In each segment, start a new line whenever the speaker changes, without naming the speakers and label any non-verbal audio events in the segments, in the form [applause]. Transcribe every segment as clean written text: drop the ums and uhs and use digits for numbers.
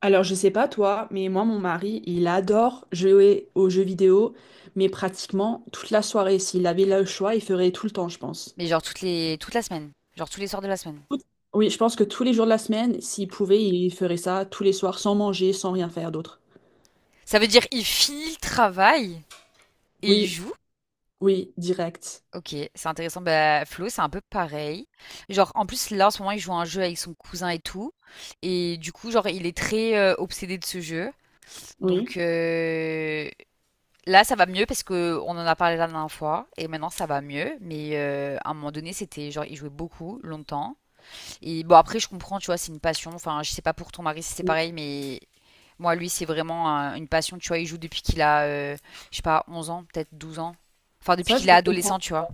Alors, je sais pas toi, mais moi, mon mari, il adore jouer aux jeux vidéo, mais pratiquement toute la soirée. S'il avait le choix, il ferait tout le temps, je pense.
Mais genre toute la semaine. Genre tous les soirs de la semaine.
Tout- Oui, je pense que tous les jours de la semaine, s'il pouvait, il ferait ça tous les soirs, sans manger, sans rien faire d'autre.
Ça veut dire il finit le travail et il
Oui,
joue.
oui, direct.
Ok, c'est intéressant. Bah, Flo, c'est un peu pareil. Genre, en plus, là, en ce moment, il joue à un jeu avec son cousin et tout. Et du coup, genre, il est très obsédé de ce jeu. Donc,
Oui,
là, ça va mieux parce que on en a parlé la dernière fois. Et maintenant, ça va mieux. Mais à un moment donné, c'était genre, il jouait beaucoup, longtemps. Et bon, après, je comprends, tu vois, c'est une passion. Enfin, je sais pas pour ton mari si c'est
oui.
pareil, mais moi, lui, c'est vraiment une passion, tu vois. Il joue depuis qu'il a, je sais pas, 11 ans, peut-être 12 ans. Enfin, depuis
Ça, je
qu'il est
peux comprendre.
adolescent, tu vois.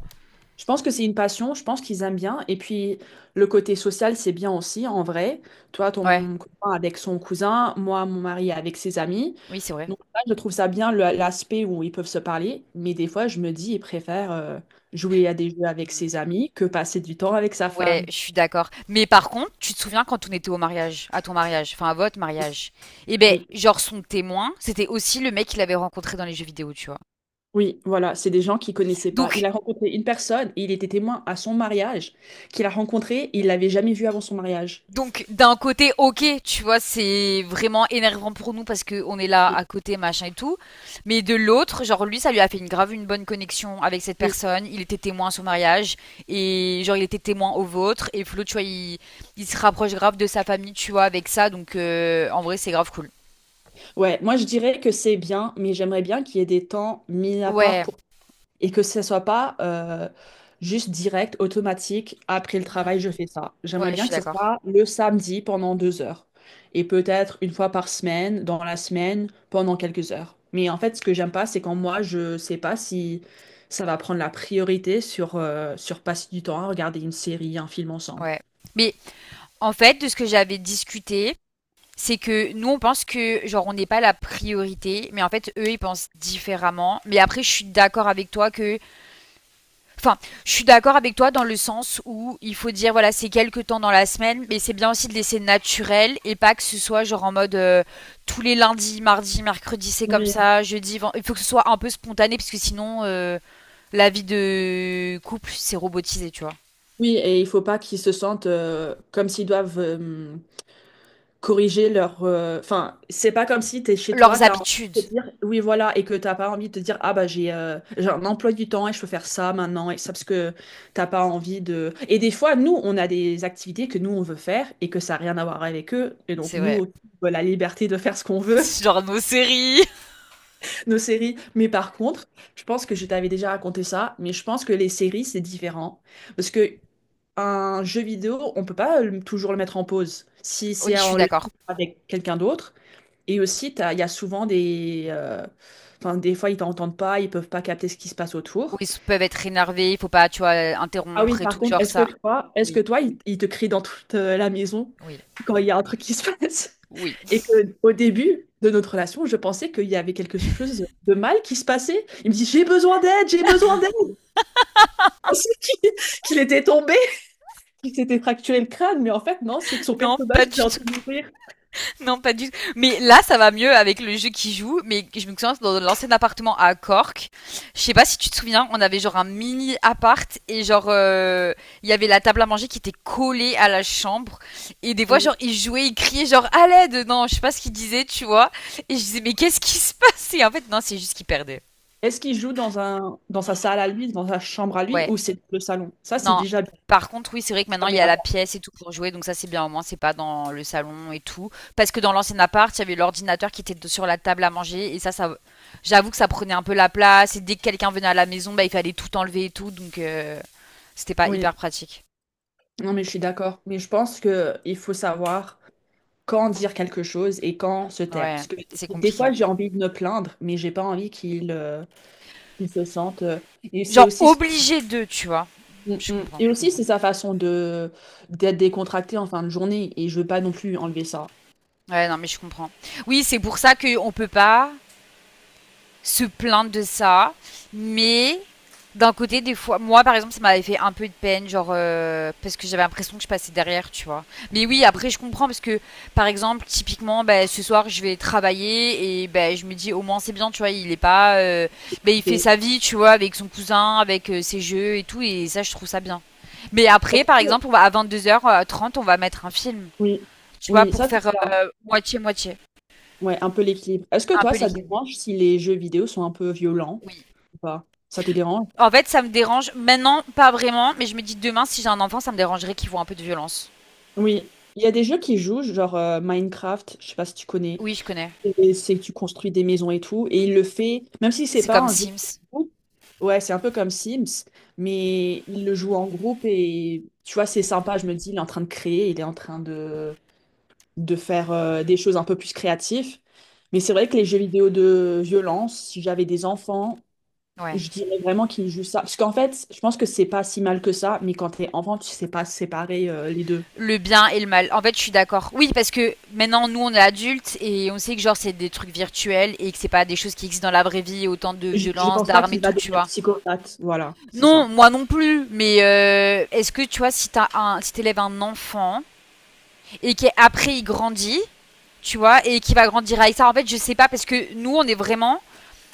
Je pense que c'est une passion, je pense qu'ils aiment bien. Et puis, le côté social, c'est bien aussi, en vrai. Toi,
Ouais,
ton copain avec son cousin, moi, mon mari avec ses amis.
oui, c'est vrai.
Donc là, je trouve ça bien l'aspect où ils peuvent se parler, mais des fois, je me dis, il préfère jouer à des jeux avec
Mm.
ses amis que passer du temps avec sa
Ouais,
femme.
je suis d'accord. Mais par contre, tu te souviens quand on était au mariage, à ton mariage, enfin à votre mariage, et ben,
Oui,
genre son témoin, c'était aussi le mec qu'il avait rencontré dans les jeux vidéo, tu vois.
oui, voilà, c'est des gens qu'il connaissait pas. Il
Donc,
a rencontré une personne et il était témoin à son mariage qu'il a rencontré, il l'avait jamais vu avant son mariage.
Donc d'un côté, ok, tu vois, c'est vraiment énervant pour nous parce que on est là
Oui,
à côté, machin et tout. Mais de l'autre, genre lui, ça lui a fait une bonne connexion avec cette
oui.
personne. Il était témoin à son mariage et genre il était témoin au vôtre. Et Flo, tu vois, il se rapproche grave de sa famille, tu vois, avec ça. Donc en vrai, c'est grave cool.
Ouais, moi je dirais que c'est bien, mais j'aimerais bien qu'il y ait des temps mis à part
Ouais,
pour, et que ce soit pas juste direct, automatique, après le travail,
Mm.
je fais ça.
Ouais,
J'aimerais
je
bien
suis
que ce
d'accord.
soit le samedi pendant 2 heures et peut-être une fois par semaine, dans la semaine, pendant quelques heures. Mais en fait, ce que j'aime pas, c'est quand moi, je sais pas si ça va prendre la priorité sur passer du temps à regarder une série, un film ensemble.
Ouais. Mais en fait, de ce que j'avais discuté, c'est que nous on pense que genre on n'est pas la priorité, mais en fait eux ils pensent différemment. Mais après je suis d'accord avec toi que, enfin je suis d'accord avec toi dans le sens où il faut dire voilà c'est quelques temps dans la semaine, mais c'est bien aussi de laisser naturel et pas que ce soit genre en mode tous les lundis, mardis, mercredis c'est comme
Oui.
ça, jeudi, il faut que ce soit un peu spontané parce que sinon la vie de couple c'est robotisé tu vois.
Oui, et il faut pas qu'ils se sentent comme s'ils doivent corriger leur, enfin, c'est pas comme si tu es chez toi,
Leurs habitudes,
oui, voilà, et que t'as pas envie de te dire, ah bah j'ai un emploi du temps et je peux faire ça maintenant et ça parce que t'as pas envie de. Et des fois, nous, on a des activités que nous on veut faire et que ça n'a rien à voir avec eux. Et donc,
c'est vrai.
nous, on a la liberté de faire ce qu'on veut,
[laughs] Genre nos séries.
[laughs] nos séries. Mais par contre, je pense que je t'avais déjà raconté ça, mais je pense que les séries, c'est différent. Parce que un jeu vidéo, on peut pas toujours le mettre en pause. Si
Oui
c'est
je suis
en live
d'accord.
avec quelqu'un d'autre, et aussi, il y a souvent enfin, des fois, ils t'entendent pas, ils peuvent pas capter ce qui se passe
Où
autour.
ils peuvent être énervés, il faut pas, tu vois,
Ah oui,
interrompre et
par
tout,
contre,
genre
est-ce que
ça.
toi, est-ce que
Oui,
toi, ils te crient dans toute la maison
oui,
quand il y a un truc qui se [laughs] passe?
oui.
Et que au début de notre relation, je pensais qu'il y avait quelque chose de mal qui se passait. Il me dit, j'ai besoin d'aide, j'ai besoin d'aide. Je pensais [laughs] qu'il était tombé, qu'il s'était fracturé le crâne, mais en fait, non, c'est que
[laughs]
son
Non, pas
personnage était
du
en
tout.
train de mourir.
[laughs] Non, pas du tout. Mais là, ça va mieux avec le jeu qui joue. Mais je me souviens, dans l'ancien appartement à Cork, je sais pas si tu te souviens, on avait genre un mini appart et genre, il y avait la table à manger qui était collée à la chambre. Et des fois, genre,
Oui.
ils jouaient, ils criaient, genre, à l'aide. Non, je sais pas ce qu'ils disaient, tu vois. Et je disais, mais qu'est-ce qui se passe? Et en fait, non, c'est juste qu'ils perdaient.
Est-ce qu'il joue dans un, dans sa salle à lui, dans sa chambre à lui,
Ouais.
ou c'est le salon? Ça, c'est
Non.
déjà
Par contre, oui, c'est vrai que
se
maintenant il
fermer
y a
la
la
porte.
pièce et tout pour jouer, donc ça c'est bien au moins, c'est pas dans le salon et tout. Parce que dans l'ancien appart, il y avait l'ordinateur qui était sur la table à manger et ça, j'avoue que ça prenait un peu la place. Et dès que quelqu'un venait à la maison, bah, il fallait tout enlever et tout, donc c'était pas
Oui,
hyper pratique.
non, mais je suis d'accord. Mais je pense que il faut savoir quand dire quelque chose et quand se taire.
Ouais,
Parce que
c'est
des
compliqué.
fois, j'ai envie de me plaindre, mais j'ai pas envie qu'il qu'il se sente. Et c'est
Genre
aussi,
obligé de, tu vois.
mm,
Je
mm.
comprends.
Et aussi c'est sa façon de d'être décontracté en fin de journée. Et je veux pas non plus enlever ça.
Ouais, non, mais je comprends. Oui, c'est pour ça qu'on peut pas se plaindre de ça, mais d'un côté, des fois, moi par exemple, ça m'avait fait un peu de peine, genre parce que j'avais l'impression que je passais derrière, tu vois. Mais oui, après, je comprends parce que, par exemple, typiquement, bah, ce soir, je vais travailler et bah, je me dis au moins c'est bien, tu vois, il est pas, bah, il fait
Et
sa vie, tu vois, avec son cousin, avec ses jeux et tout, et ça, je trouve ça bien. Mais
est-ce
après, par
que-
exemple, on va à 22h30, on va mettre un film,
Oui,
tu vois,
oui,
pour
ça c'est
faire
bien.
moitié moitié,
Ouais, un peu l'équilibre. Est-ce que
un
toi,
peu
ça te
l'équilibre.
dérange si les jeux vidéo sont un peu violents
Oui.
ou pas? Ça te dérange?
En fait, ça me dérange maintenant, pas vraiment, mais je me dis demain, si j'ai un enfant, ça me dérangerait qu'il voit un peu de violence.
Oui, il y a des jeux qui jouent, genre Minecraft, je sais pas si tu connais,
Oui, je connais.
et c'est que tu construis des maisons et tout, et il le fait, même si c'est
C'est
pas
comme
un jeu de
Sims.
groupe, ouais, c'est un peu comme Sims, mais il le joue en groupe et tu vois, c'est sympa, je me dis, il est en train de créer, il est en train de faire des choses un peu plus créatives, mais c'est vrai que les jeux vidéo de violence, si j'avais des enfants,
Ouais.
je dirais vraiment qu'ils jouent ça, parce qu'en fait, je pense que c'est pas si mal que ça, mais quand t'es enfant, tu sais pas séparer les deux.
Le bien et le mal. En fait, je suis d'accord. Oui, parce que maintenant, nous, on est adultes et on sait que genre c'est des trucs virtuels et que c'est pas des choses qui existent dans la vraie vie, autant de
Je ne
violence,
pense pas
d'armes et
qu'il va
tout, tu
devenir
vois.
psychopathe. Voilà, c'est ça.
Non, moi non plus. Mais est-ce que tu vois, si t'élèves un enfant et qu'après il grandit, tu vois, et qui va grandir avec ça. En fait, je sais pas parce que nous, on est vraiment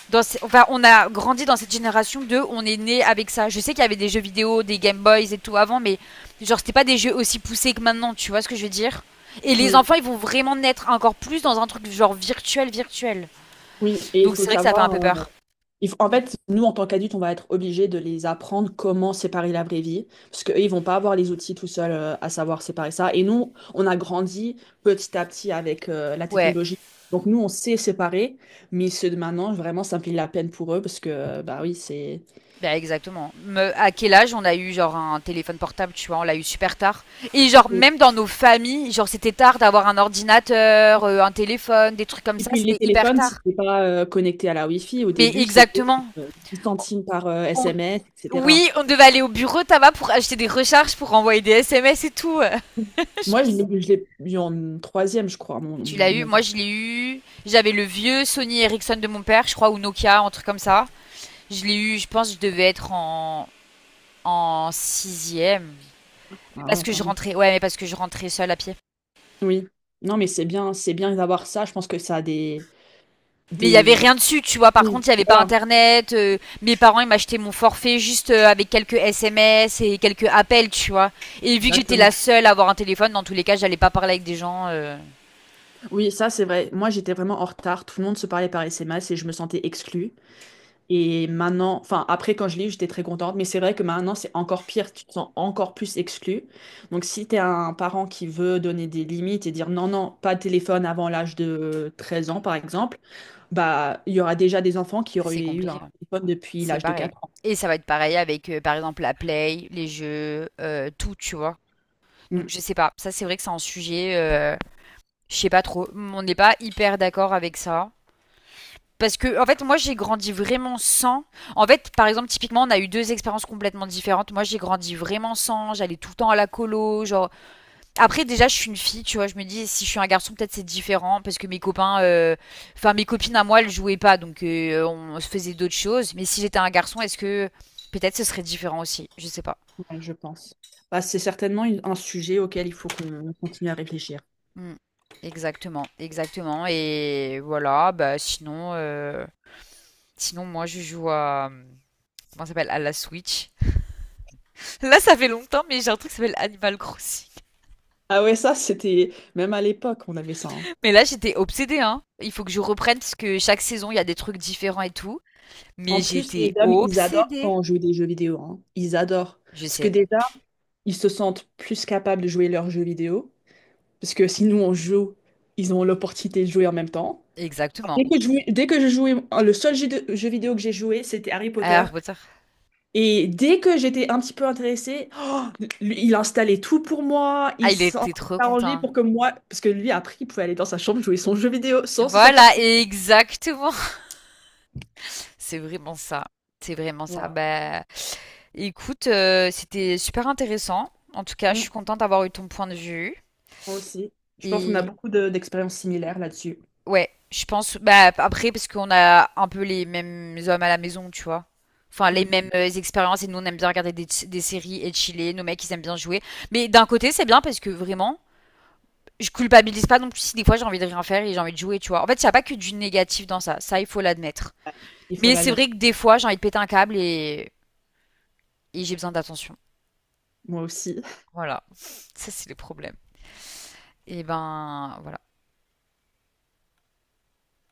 dans enfin, on a grandi dans cette génération de on est né avec ça. Je sais qu'il y avait des jeux vidéo, des Game Boys et tout avant, mais genre c'était pas des jeux aussi poussés que maintenant, tu vois ce que je veux dire. Et les
Oui,
enfants, ils vont vraiment naître encore plus dans un truc genre virtuel, virtuel.
oui, et il
Donc
faut
c'est vrai que ça fait un
savoir,
peu peur.
en fait, nous en tant qu'adultes, on va être obligés de les apprendre comment séparer la vraie vie, parce qu'eux, ils vont pas avoir les outils tout seuls à savoir séparer ça. Et nous, on a grandi petit à petit avec la
Ouais,
technologie. Donc nous, on sait séparer, mais ceux de maintenant, vraiment, ça me fait de la peine pour eux, parce que, bah oui, c'est...
bah exactement. À quel âge on a eu genre un téléphone portable, tu vois, on l'a eu super tard. Et genre même dans nos familles, genre c'était tard d'avoir un ordinateur, un téléphone, des trucs comme
Et
ça,
puis les
c'était hyper
téléphones,
tard.
c'était pas connecté à la Wi-Fi. Au
Mais
début, c'était
exactement.
10 centimes par
On,
SMS, etc.
Oui, on devait aller au bureau tabac pour acheter des recharges, pour envoyer des SMS et tout. [laughs] Je
Moi,
me
je l'ai eu en troisième, je crois, mon,
tu l'as eu?
mon
Moi,
bac.
je l'ai eu. J'avais le vieux Sony Ericsson de mon père, je crois, ou Nokia, un truc comme ça. Je l'ai eu, je pense, que je devais être en sixième.
Ah
Parce
ouais,
que
quand
je
même.
rentrais, ouais, mais parce que je rentrais seule à pied.
Oui. Non, mais c'est bien d'avoir ça. Je pense que ça a
Mais il y avait
des...
rien dessus, tu vois. Par
Oui.
contre, il y avait pas
Voilà,
internet. Mes parents, ils m'achetaient mon forfait juste avec quelques SMS et quelques appels, tu vois. Et vu que j'étais la
exactement.
seule à avoir un téléphone, dans tous les cas, j'allais pas parler avec des gens.
Oui, ça, c'est vrai. Moi, j'étais vraiment en retard. Tout le monde se parlait par SMS et je me sentais exclue. Et maintenant, enfin, après, quand je l'ai eu, j'étais très contente, mais c'est vrai que maintenant, c'est encore pire, tu te sens encore plus exclu. Donc, si tu es un parent qui veut donner des limites et dire non, non, pas de téléphone avant l'âge de 13 ans, par exemple, bah, il y aura déjà des enfants qui
C'est
auraient eu un
compliqué.
téléphone depuis
C'est
l'âge de
pareil.
4 ans.
Et ça va être pareil avec, par exemple, la play, les jeux, tout, tu vois. Donc,
Mm.
je sais pas. Ça, c'est vrai que c'est un sujet, je sais pas trop. On n'est pas hyper d'accord avec ça. Parce que, en fait, moi, j'ai grandi vraiment sans. En fait, par exemple, typiquement, on a eu deux expériences complètement différentes. Moi, j'ai grandi vraiment sans. J'allais tout le temps à la colo. Genre, après, déjà, je suis une fille, tu vois. Je me dis, si je suis un garçon, peut-être c'est différent parce que mes copains, enfin mes copines à moi, elles jouaient pas, donc on se faisait d'autres choses. Mais si j'étais un garçon, est-ce que peut-être ce serait différent aussi? Je sais pas.
Ouais, je pense. Bah, c'est certainement un sujet auquel il faut qu'on continue à réfléchir.
Hmm. Exactement, exactement. Et voilà, bah sinon, moi je joue à comment ça s'appelle à la Switch. [laughs] Là, ça fait longtemps, mais j'ai un truc qui s'appelle Animal Crossing.
Ah ouais, ça, c'était... Même à l'époque, on avait ça, hein.
[laughs] Mais là, j'étais obsédée, hein. Il faut que je reprenne parce que chaque saison, il y a des trucs différents et tout.
En
Mais
plus, les
j'étais
hommes, ils adorent
obsédée.
quand on joue des jeux vidéo, hein. Ils adorent.
Je
Parce que
sais,
déjà, ils se sentent plus capables de jouer leurs jeux vidéo. Parce que si nous, on joue, ils ont l'opportunité de jouer en même temps.
exactement.
Dès que je jouais, dès que je jouais, le seul jeu, jeu vidéo que j'ai joué, c'était Harry Potter.
Harry Potter.
Et dès que j'étais un petit peu intéressée, oh, lui, il installait tout pour moi,
Ah,
il
il
s'en-
était
il
trop
s'arrangeait
content.
pour que moi, parce que lui, après, il pouvait aller dans sa chambre jouer son jeu vidéo sans se sortir.
Voilà, exactement. [laughs] C'est vraiment ça. C'est vraiment ça.
Voilà.
Bah, écoute, c'était super intéressant. En tout cas, je
Mm.
suis contente d'avoir eu ton point de vue.
Moi aussi. Je pense qu'on a
Et
beaucoup d'expériences similaires là-dessus.
ouais, je pense. Bah, après, parce qu'on a un peu les mêmes hommes à la maison, tu vois. Enfin, les
Mm.
mêmes expériences. Et nous, on aime bien regarder des séries et chiller. Nos mecs, ils aiment bien jouer. Mais d'un côté, c'est bien parce que vraiment, je culpabilise pas non plus si des fois j'ai envie de rien faire et j'ai envie de jouer, tu vois. En fait, il n'y a pas que du négatif dans ça, ça il faut l'admettre.
Il faut
Mais c'est
l'admettre.
vrai que des fois j'ai envie de péter un câble et j'ai besoin d'attention.
Moi aussi.
Voilà, ça c'est le problème. Et ben voilà.